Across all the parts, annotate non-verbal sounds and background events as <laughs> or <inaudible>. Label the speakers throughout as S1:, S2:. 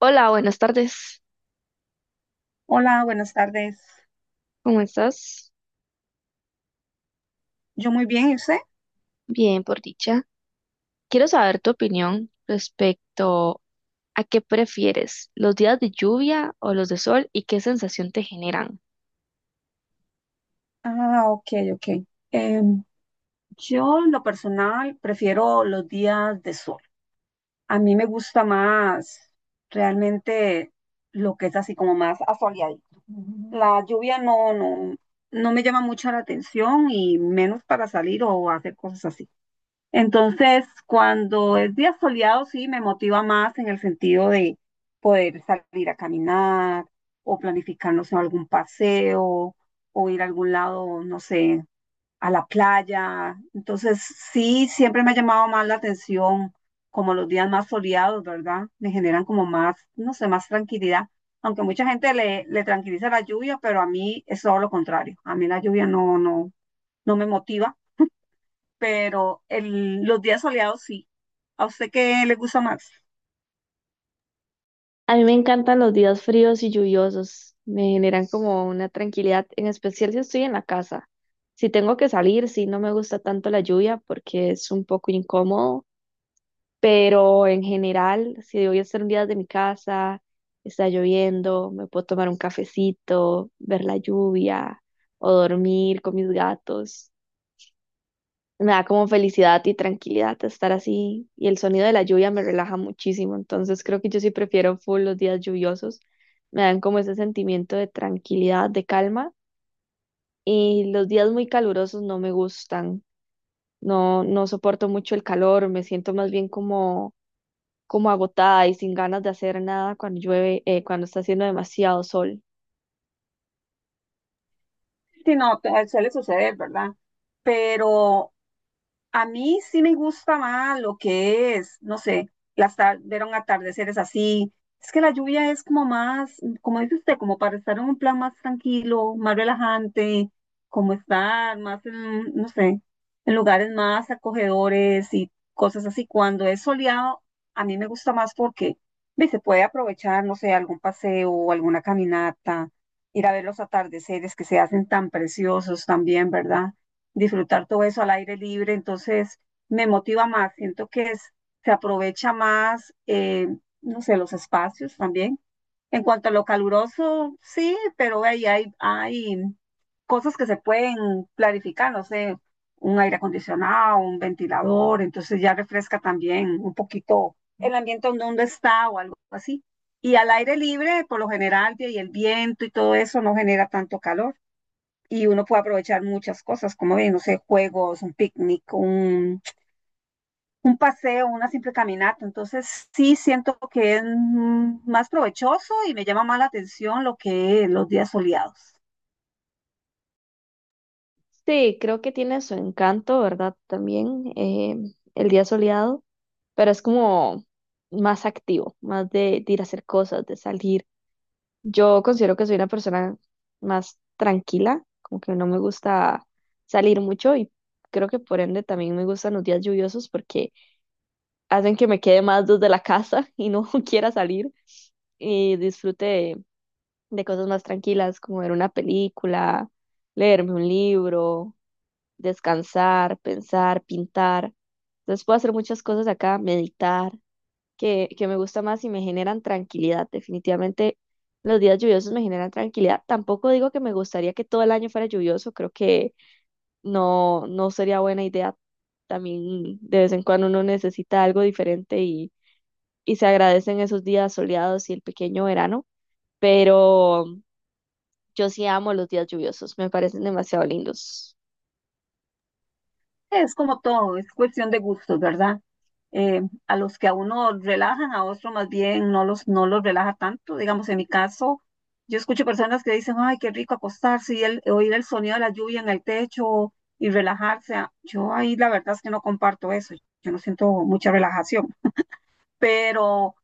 S1: Hola, buenas tardes.
S2: Hola, buenas tardes.
S1: ¿Cómo estás?
S2: Yo muy bien, ¿y usted?
S1: Bien, por dicha. Quiero saber tu opinión respecto a qué prefieres, los días de lluvia o los de sol y qué sensación te generan.
S2: Ah, ok, ok. Em, yo en lo personal prefiero los días de sol. A mí me gusta más realmente lo que es así como más asoleadito. La lluvia no, no, no me llama mucho la atención y menos para salir o hacer cosas así. Entonces, cuando es día soleado, sí, me motiva más en el sentido de poder salir a caminar o planificarnos en algún paseo o ir a algún lado, no sé, a la playa. Entonces, sí, siempre me ha llamado más la atención como los días más soleados, ¿verdad? Me generan como más, no sé, más tranquilidad. Aunque mucha gente le tranquiliza la lluvia, pero a mí es todo lo contrario. A mí la lluvia no, no, no me motiva pero los días soleados sí. ¿A usted qué le gusta más?
S1: A mí me encantan los días fríos y lluviosos, me generan como una tranquilidad, en especial si estoy en la casa. Si tengo que salir, sí, no me gusta tanto la lluvia porque es un poco incómodo. Pero en general, si voy a estar un día desde mi casa, está lloviendo, me puedo tomar un cafecito, ver la lluvia o dormir con mis gatos. Me da como felicidad y tranquilidad estar así y el sonido de la lluvia me relaja muchísimo. Entonces creo que yo sí prefiero full los días lluviosos. Me dan como ese sentimiento de tranquilidad, de calma y los días muy calurosos no me gustan. No, no soporto mucho el calor, me siento más bien como agotada y sin ganas de hacer nada cuando llueve, cuando está haciendo demasiado sol.
S2: Sí, no, a usted le sucede, ¿verdad? Pero a mí sí me gusta más lo que es, no sé, las ver un atardeceres así. Es que la lluvia es como más, como dice usted, como para estar en un plan más tranquilo, más relajante, como estar más en, no sé, en lugares más acogedores y cosas así. Cuando es soleado, a mí me gusta más porque ve, se puede aprovechar, no sé, algún paseo, alguna caminata, ir a ver los atardeceres que se hacen tan preciosos también, ¿verdad? Disfrutar todo eso al aire libre, entonces me motiva más, siento que es, se aprovecha más, no sé, los espacios también. En cuanto a lo caluroso, sí, pero ahí hay cosas que se pueden clarificar, no sé, un aire acondicionado, un ventilador, entonces ya refresca también un poquito el ambiente donde uno está o algo así. Y al aire libre, por lo general, y el viento y todo eso no genera tanto calor y uno puede aprovechar muchas cosas, como bien, no sé, juegos, un picnic, un paseo, una simple caminata. Entonces, sí siento que es más provechoso y me llama más la atención lo que los días soleados.
S1: Sí, creo que tiene su encanto, ¿verdad? También, el día soleado, pero es como más activo, más de ir a hacer cosas, de salir. Yo considero que soy una persona más tranquila, como que no me gusta salir mucho y creo que por ende también me gustan los días lluviosos porque hacen que me quede más desde la <laughs> casa y no <laughs> quiera salir y disfrute de cosas más tranquilas, como ver una película, leerme un libro, descansar, pensar, pintar. Entonces puedo hacer muchas cosas acá, meditar, que me gusta más y me generan tranquilidad. Definitivamente los días lluviosos me generan tranquilidad. Tampoco digo que me gustaría que todo el año fuera lluvioso, creo que no, no sería buena idea. También de vez en cuando uno necesita algo diferente y se agradecen esos días soleados y el pequeño verano, pero yo sí amo los días lluviosos, me parecen demasiado lindos.
S2: Es como todo, es cuestión de gustos, ¿verdad? eh, a los que a uno relajan, a otro más bien no los relaja tanto. Digamos, en mi caso, yo escucho personas que dicen, ay, qué rico acostarse y oír el sonido de la lluvia en el techo y relajarse. Ah, yo ahí la verdad es que no comparto eso, yo no siento mucha relajación pero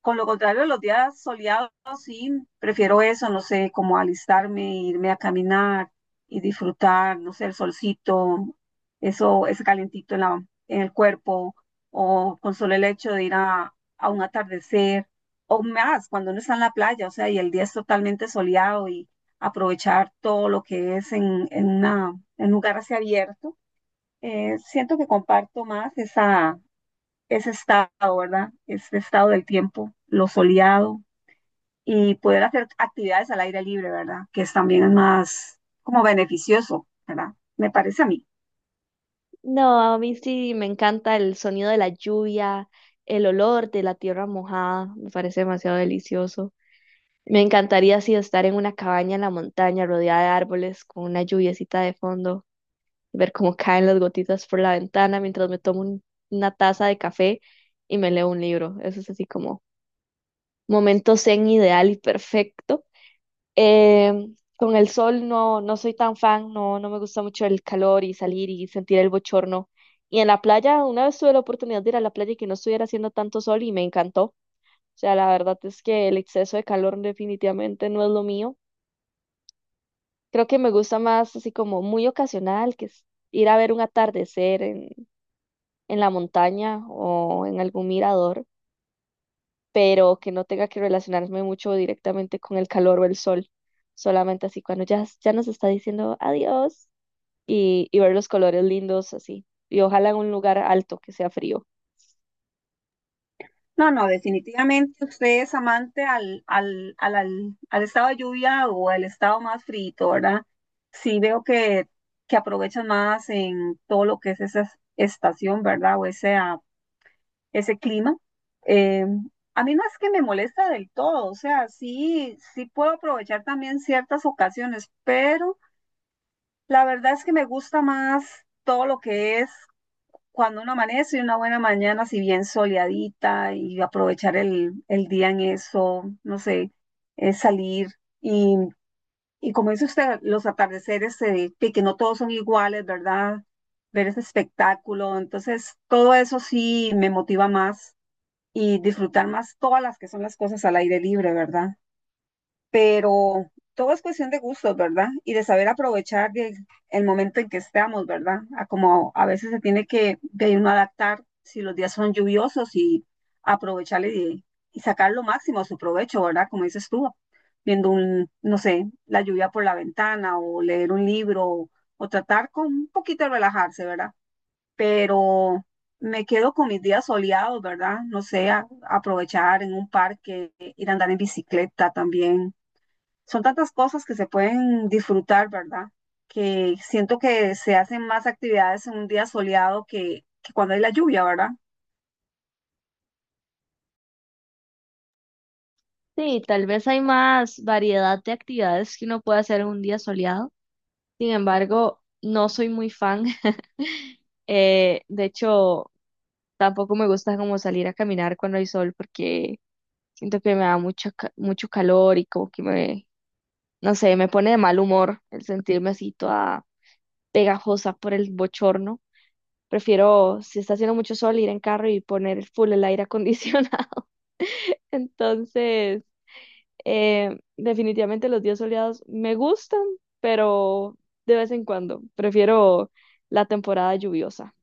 S2: con lo contrario, los días soleados sí, prefiero eso, no sé, como alistarme, irme a caminar y disfrutar, no sé, el solcito, eso, ese calentito en la, en el cuerpo, o con solo el hecho de ir a un atardecer, o más, cuando uno está en la playa, o sea, y el día es totalmente soleado y aprovechar todo lo que es en, en en un lugar así abierto, siento que comparto más ese estado, ¿verdad? Ese estado del tiempo, lo soleado y poder hacer actividades al aire libre, ¿verdad? Que es también es más como beneficioso, ¿verdad? Me parece a mí.
S1: No, a mí sí me encanta el sonido de la lluvia, el olor de la tierra mojada, me parece demasiado delicioso. Me encantaría así estar en una cabaña en la montaña rodeada de árboles con una lluviecita de fondo, ver cómo caen las gotitas por la ventana mientras me tomo una taza de café y me leo un libro. Eso es así como momento zen ideal y perfecto. Eh, con el sol no, no soy tan fan, no, no me gusta mucho el calor y salir y sentir el bochorno. Y en la playa, una vez tuve la oportunidad de ir a la playa y que no estuviera haciendo tanto sol y me encantó. O sea, la verdad es que el exceso de calor definitivamente no es lo mío. Creo que me gusta más así como muy ocasional, que es ir a ver un atardecer en la montaña o en algún mirador, pero que no tenga que relacionarme mucho directamente con el calor o el sol, solamente así cuando ya, ya nos está diciendo adiós, y ver los colores lindos así. Y ojalá en un lugar alto que sea frío.
S2: No, no, definitivamente usted es amante al estado de lluvia o al estado más frito, ¿verdad? Sí veo que aprovechan más en todo lo que es esa estación, ¿verdad? O esa ese clima. Eh, a mí no es que me molesta del todo, o sea, sí, sí puedo aprovechar también ciertas ocasiones, pero la verdad es que me gusta más todo lo que es cuando uno amanece y una buena mañana, si bien soleadita, y aprovechar el día en eso, no sé, es salir y, y como dice usted, los atardeceres, que no todos son iguales, ¿verdad? Ver ese espectáculo, entonces todo eso sí me motiva más y disfrutar más todas las que son las cosas al aire libre, ¿verdad? Pero todo es cuestión de gustos, ¿verdad? Y de saber aprovechar el momento en que estamos, ¿verdad? A como a veces se tiene que de uno adaptar si los días son lluviosos y aprovechar y sacar lo máximo a su provecho, ¿verdad? Como dices tú, viendo un, no sé, la lluvia por la ventana o leer un libro o tratar con un poquito de relajarse, ¿verdad? Pero me quedo con mis días soleados, ¿verdad? No sé, aprovechar en un parque, ir a andar en bicicleta también. Son tantas cosas que se pueden disfrutar, ¿verdad? Que siento que se hacen más actividades en un día soleado que cuando hay la lluvia, ¿verdad?
S1: Sí, tal vez hay más variedad de actividades que uno puede hacer en un día soleado. Sin embargo, no soy muy fan. <laughs> De hecho, tampoco me gusta como salir a caminar cuando hay sol porque siento que me da mucho calor y como que no sé, me pone de mal humor el sentirme así toda pegajosa por el bochorno. Prefiero, si está haciendo mucho sol, ir en carro y poner full el aire acondicionado. Entonces, definitivamente los días soleados me gustan, pero de vez en cuando prefiero la temporada lluviosa.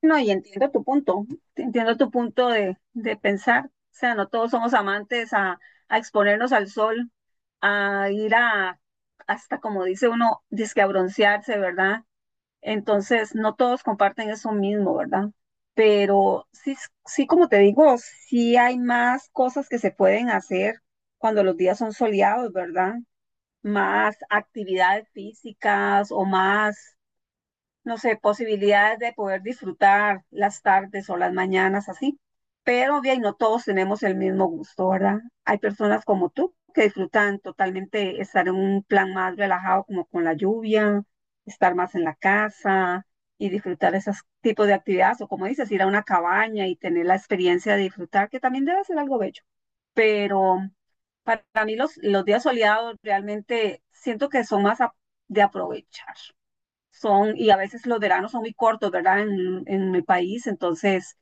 S2: No, y entiendo tu punto de pensar. O sea, no todos somos amantes a exponernos al sol, a ir a, hasta como dice uno, disque a broncearse, ¿verdad? Entonces, no todos comparten eso mismo, ¿verdad? Pero sí, sí, como te digo, sí hay más cosas que se pueden hacer cuando los días son soleados, ¿verdad? Más actividades físicas o más no sé, posibilidades de poder disfrutar las tardes o las mañanas así. Pero bien, no todos tenemos el mismo gusto, ¿verdad? Hay personas como tú que disfrutan totalmente estar en un plan más relajado, como con la lluvia, estar más en la casa y disfrutar esos tipos de actividades, o como dices, ir a una cabaña y tener la experiencia de disfrutar, que también debe ser algo bello. Pero para mí los días soleados realmente siento que son más de aprovechar son, y a veces los veranos son muy cortos, ¿verdad? En mi país, entonces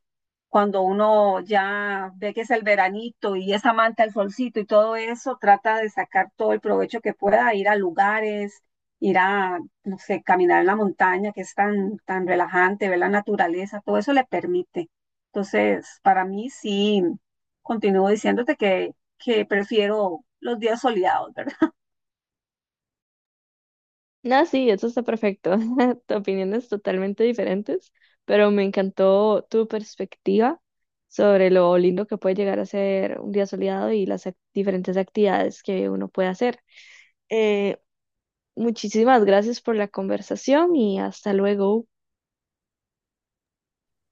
S2: cuando uno ya ve que es el veranito y esa manta, el solcito y todo eso, trata de sacar todo el provecho que pueda, ir a lugares, ir a, no sé, caminar en la montaña, que es tan, tan relajante, ver la naturaleza, todo eso le permite. Entonces, para mí sí, continúo diciéndote que prefiero los días soleados, ¿verdad?
S1: Ah, sí, eso está perfecto. <laughs> Opiniones totalmente diferentes, pero me encantó tu perspectiva sobre lo lindo que puede llegar a ser un día soleado y las diferentes actividades que uno puede hacer. Eh, Muchísimas gracias por la conversación y hasta luego.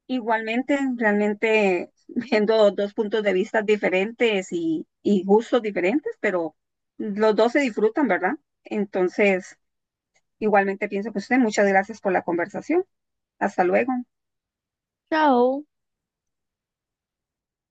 S2: Igualmente, realmente viendo dos puntos de vista diferentes y gustos diferentes, pero los dos se disfrutan, ¿verdad? Entonces, igualmente pienso que usted, muchas gracias por la conversación. Hasta luego.
S1: Chao.